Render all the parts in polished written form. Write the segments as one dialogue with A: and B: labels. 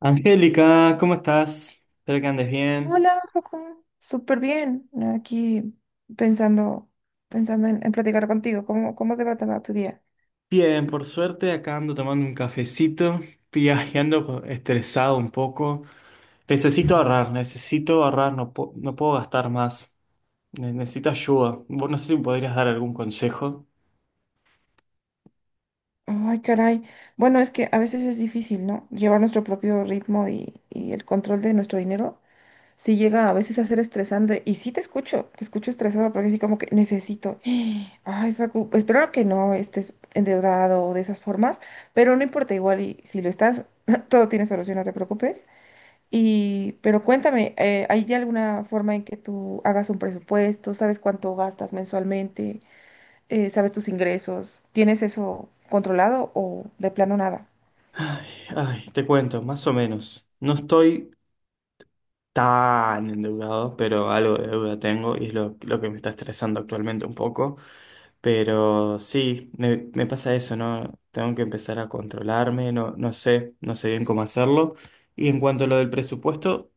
A: Angélica, ¿cómo estás? Espero que andes bien.
B: Hola, Joaquín. Súper bien. Aquí pensando, pensando en platicar contigo. ¿Cómo te va tu día?
A: Bien, por suerte acá ando tomando un cafecito, viajando estresado un poco. Necesito ahorrar, no, no puedo gastar más. Necesito ayuda. Vos no sé si me podrías dar algún consejo.
B: Ay, caray. Bueno, es que a veces es difícil, ¿no? Llevar nuestro propio ritmo y el control de nuestro dinero. Sí llega a veces a ser estresante. Y sí te escucho estresado porque así como que necesito. Ay, Facu, espero que no estés endeudado o de esas formas, pero no importa, igual y si lo estás, todo tiene solución, no te preocupes. Pero cuéntame, ¿hay de alguna forma en que tú hagas un presupuesto? ¿Sabes cuánto gastas mensualmente? ¿Sabes tus ingresos? ¿Tienes eso controlado o de plano nada?
A: Ay, te cuento, más o menos. No estoy tan endeudado, pero algo de deuda tengo y es lo que me está estresando actualmente un poco. Pero sí, me pasa eso, ¿no? Tengo que empezar a controlarme, no, no sé, no sé bien cómo hacerlo. Y en cuanto a lo del presupuesto,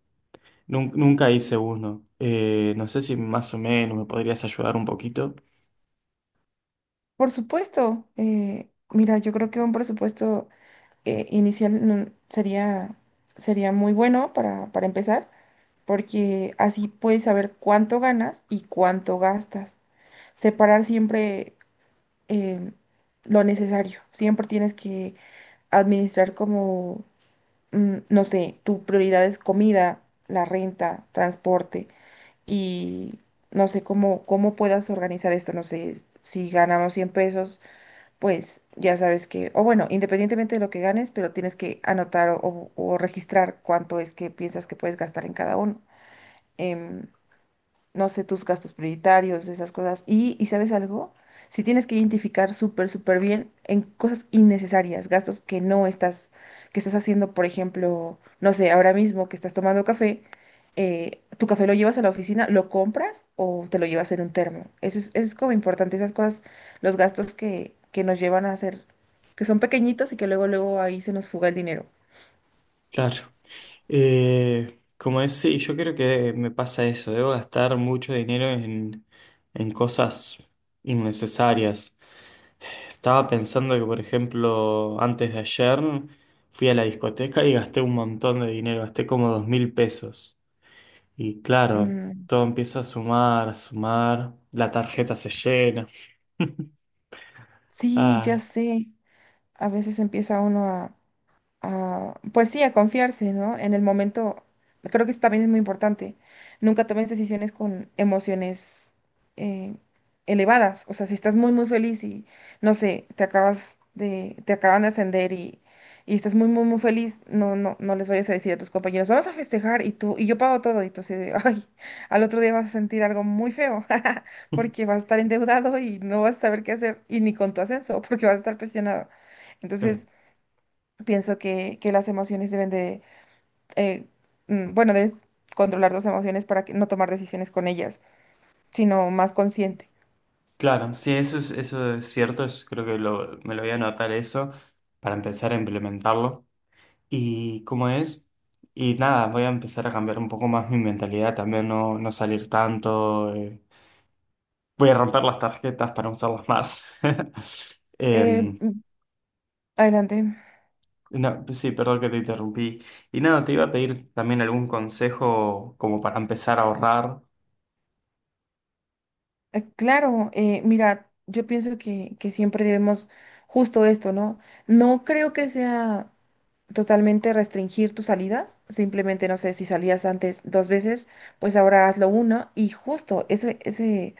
A: nunca hice uno. No sé si más o menos me podrías ayudar un poquito.
B: Por supuesto, mira, yo creo que un presupuesto inicial no- sería, sería muy bueno para empezar, porque así puedes saber cuánto ganas y cuánto gastas. Separar siempre eh, lo necesario. Siempre tienes que administrar como, no sé, tu prioridad es comida, la renta, transporte y no sé cómo puedas organizar esto. No sé, si ganamos 100 pesos, pues ya sabes que, o bueno, independientemente de lo que ganes, pero tienes que anotar o registrar cuánto es que piensas que puedes gastar en cada uno. Em, no sé, tus gastos prioritarios, esas cosas. ¿Y sabes algo? Si tienes que identificar súper, súper bien en cosas innecesarias, gastos que estás haciendo, por ejemplo, no sé, ahora mismo que estás tomando café, tu café lo llevas a la oficina, lo compras o te lo llevas en un termo. Eso es como importante, esas cosas, los gastos que nos llevan a hacer, que son pequeñitos y que luego, luego ahí se nos fuga el dinero.
A: Claro. Sí, yo creo que me pasa eso. Debo gastar mucho dinero en cosas innecesarias. Estaba pensando que, por ejemplo, antes de ayer fui a la discoteca y gasté un montón de dinero, gasté como 2000 pesos. Y claro,
B: Mm,
A: todo empieza a sumar, la tarjeta se llena.
B: sí, ya
A: Ay.
B: sé. A veces empieza uno pues sí, a confiarse, ¿no? En el momento, creo que eso también es muy importante. Nunca tomes decisiones con emociones eh, elevadas. O sea, si estás muy, muy feliz y, no sé, te acaban de ascender y estás muy, muy, muy feliz, no, no, no les vayas a decir a tus compañeros, vamos a festejar y tú, y yo pago todo, y tú así de, ay, al otro día vas a sentir algo muy feo, porque vas a estar endeudado y no vas a saber qué hacer, y ni con tu ascenso, porque vas a estar presionado. Entonces, pienso que las emociones eh, bueno, debes controlar tus emociones para que no tomar decisiones con ellas, sino más consciente.
A: Claro, sí, eso es cierto, creo que me lo voy a anotar eso para empezar a implementarlo. Y cómo es, y nada, voy a empezar a cambiar un poco más mi mentalidad, también no, no salir tanto, voy a romper las tarjetas para usarlas más. Em,
B: Mm, adelante.
A: no, pues sí, perdón que te interrumpí. Y nada, te iba a pedir también algún consejo como para empezar a ahorrar.
B: Claro, mira, yo pienso que siempre debemos justo esto, ¿no? No creo que sea totalmente restringir tus salidas, simplemente, no sé, si salías antes dos veces, pues ahora hazlo una y justo ese, ese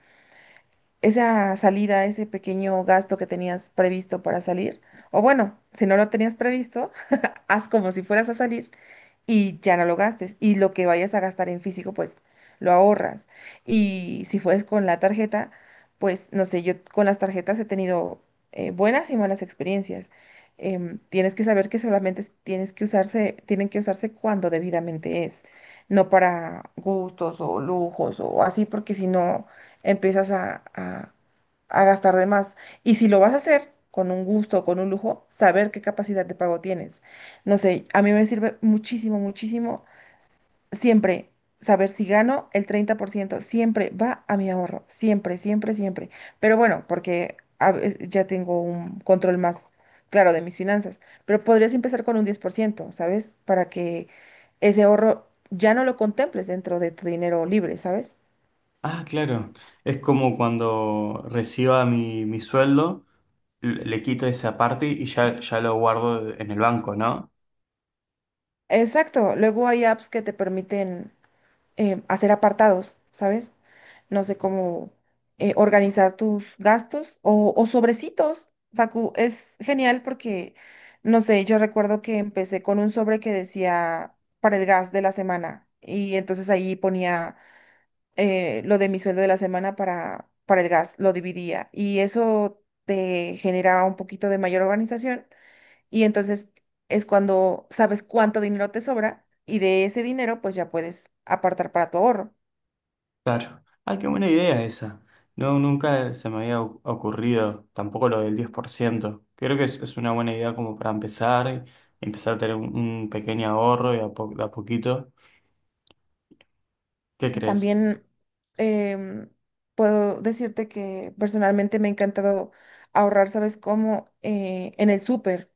B: esa salida, ese pequeño gasto que tenías previsto para salir, o bueno, si no lo tenías previsto, haz como si fueras a salir y ya no lo gastes. Y lo que vayas a gastar en físico, pues lo ahorras. Y si fues con la tarjeta, pues no sé, yo con las tarjetas he tenido buenas y malas experiencias. Tienes que saber que solamente tienen que usarse cuando debidamente es, no para gustos o lujos o así, porque si no empiezas a gastar de más. Y si lo vas a hacer con un gusto o con un lujo, saber qué capacidad de pago tienes. No sé, a mí me sirve muchísimo, muchísimo siempre saber si gano el 30% siempre va a mi ahorro, siempre, siempre, siempre. Pero bueno, porque ya tengo un control más claro de mis finanzas, pero podrías empezar con un 10%, ¿sabes? Para que ese ahorro ya no lo contemples dentro de tu dinero libre, ¿sabes?
A: Ah, claro. Es como cuando reciba mi sueldo, le quito esa parte y ya, ya lo guardo en el banco, ¿no?
B: Exacto, luego hay apps que te permiten hacer apartados, ¿sabes? No sé cómo organizar tus gastos o sobrecitos. Facu, es genial porque, no sé, yo recuerdo que empecé con un sobre que decía para el gas de la semana y entonces ahí ponía lo de mi sueldo de la semana para el gas, lo dividía y eso te generaba un poquito de mayor organización y entonces es cuando sabes cuánto dinero te sobra y de ese dinero pues ya puedes apartar para tu ahorro.
A: Claro. Ah, qué buena idea esa. No, nunca se me había ocurrido, tampoco lo del 10%. Creo que es una buena idea como para empezar, y empezar a tener un pequeño ahorro y a, de a poquito. ¿Qué crees?
B: También em, puedo decirte que personalmente me ha encantado ahorrar, ¿sabes cómo? En el súper.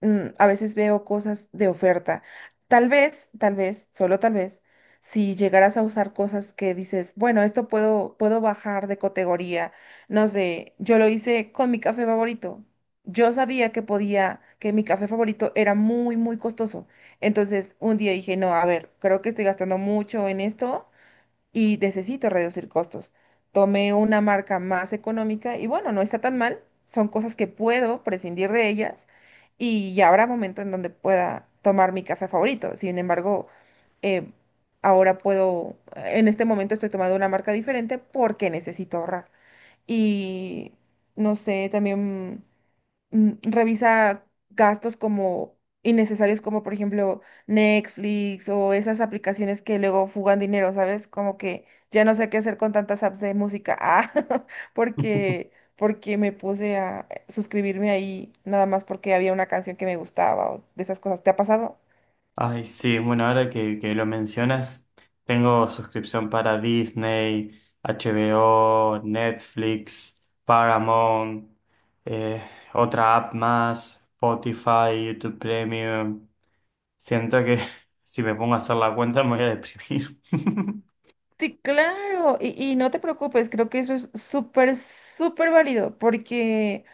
B: A veces veo cosas de oferta. Tal vez, solo tal vez, si llegaras a usar cosas que dices, bueno, esto puedo bajar de categoría. No sé, yo lo hice con mi café favorito. Yo sabía que mi café favorito era muy, muy costoso. Entonces, un día dije, no, a ver, creo que estoy gastando mucho en esto y necesito reducir costos. Tomé una marca más económica y bueno, no está tan mal. Son cosas que puedo prescindir de ellas y ya habrá momento en donde pueda tomar mi café favorito. Sin embargo, eh, en este momento estoy tomando una marca diferente porque necesito ahorrar. Y no sé, también revisa gastos como innecesarios, como por ejemplo Netflix o esas aplicaciones que luego fugan dinero, ¿sabes? Como que ya no sé qué hacer con tantas apps de música. Ah, porque, porque me puse a suscribirme ahí nada más porque había una canción que me gustaba o de esas cosas. ¿Te ha pasado?
A: Ay, sí, bueno, ahora que lo mencionas, tengo suscripción para Disney, HBO, Netflix, Paramount, eh, otra app más, Spotify, YouTube Premium. Siento que si me pongo a hacer la cuenta me voy a deprimir.
B: Sí, claro, y no te preocupes, creo que eso es súper, súper válido, porque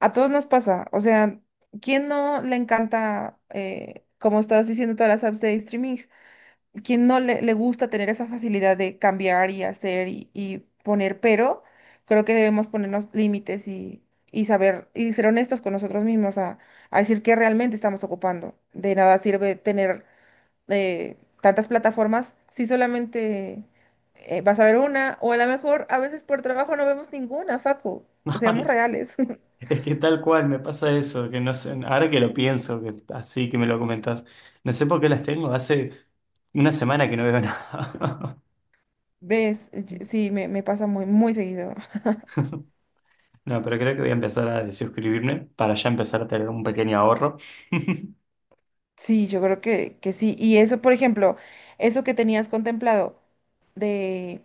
B: a todos nos pasa, o sea, ¿quién no le encanta, como estás diciendo, todas las apps de streaming? ¿Quién no le gusta tener esa facilidad de cambiar y hacer y poner? Pero creo que debemos ponernos límites y saber y ser honestos con nosotros mismos a decir qué realmente estamos ocupando. De nada sirve tener eh, tantas plataformas si solamente vas a ver una o a lo mejor a veces por trabajo no vemos ninguna, Facu. Seamos
A: Ay,
B: reales.
A: es que tal cual me pasa eso, que no sé, ahora que lo pienso, que así que me lo comentas, no sé por qué las tengo, hace 1 semana que no veo nada.
B: ¿Ves? Sí, me pasa muy, muy seguido.
A: No, pero creo que voy a empezar a desuscribirme para ya empezar a tener un pequeño ahorro.
B: Sí, yo creo que sí. Y eso, por ejemplo, eso que tenías contemplado de...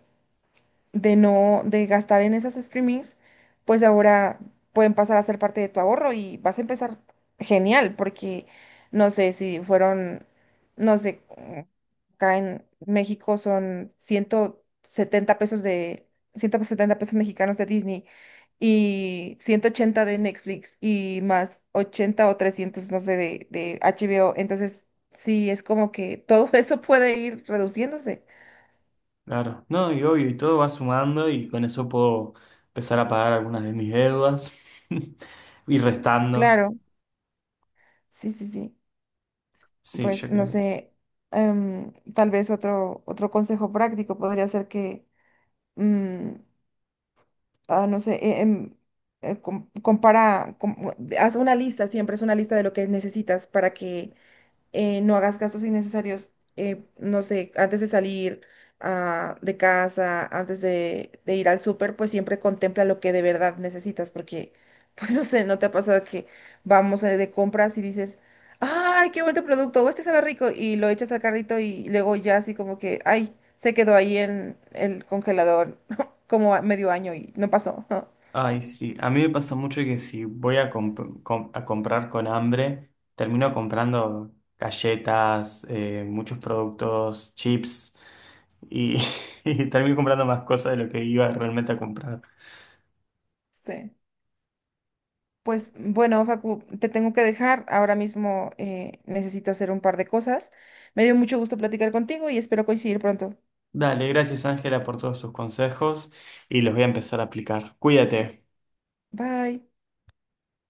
B: de no, de gastar en esas streamings, pues ahora pueden pasar a ser parte de tu ahorro y vas a empezar genial, porque no sé si fueron, no sé, acá en México son 170 pesos mexicanos de Disney y 180 de Netflix y más 80 o 300 no sé, de HBO. Entonces, sí, es como que todo eso puede ir reduciéndose.
A: Claro. No, y obvio, y todo va sumando y con eso puedo empezar a pagar algunas de mis deudas y restando.
B: Claro, sí, sí, sí.
A: Sí, yo
B: Pues no
A: creo.
B: sé, tal vez otro consejo práctico podría ser que, mm, no sé, eh, com- compara, com- haz una lista, siempre es una lista de lo que necesitas para que no hagas gastos innecesarios, no sé, antes de salir de casa, antes de ir al súper, pues siempre contempla lo que de verdad necesitas, porque, pues no sé, ¿no te ha pasado que vamos de compras y dices, ay, qué bonito producto, o este sabe rico, y lo echas al carrito y luego ya así como que, ay, se quedó ahí en el congelador como a medio año y no pasó.
A: Ay, sí. A mí me pasa mucho que si voy a, a comprar con hambre, termino comprando galletas, muchos productos, chips y, y termino comprando más cosas de lo que iba realmente a comprar.
B: Sí. Pues bueno, Facu, te tengo que dejar. Ahora mismo necesito hacer un par de cosas. Me dio mucho gusto platicar contigo y espero coincidir pronto.
A: Dale, gracias Ángela por todos tus consejos y los voy a empezar a aplicar. Cuídate.
B: Bye.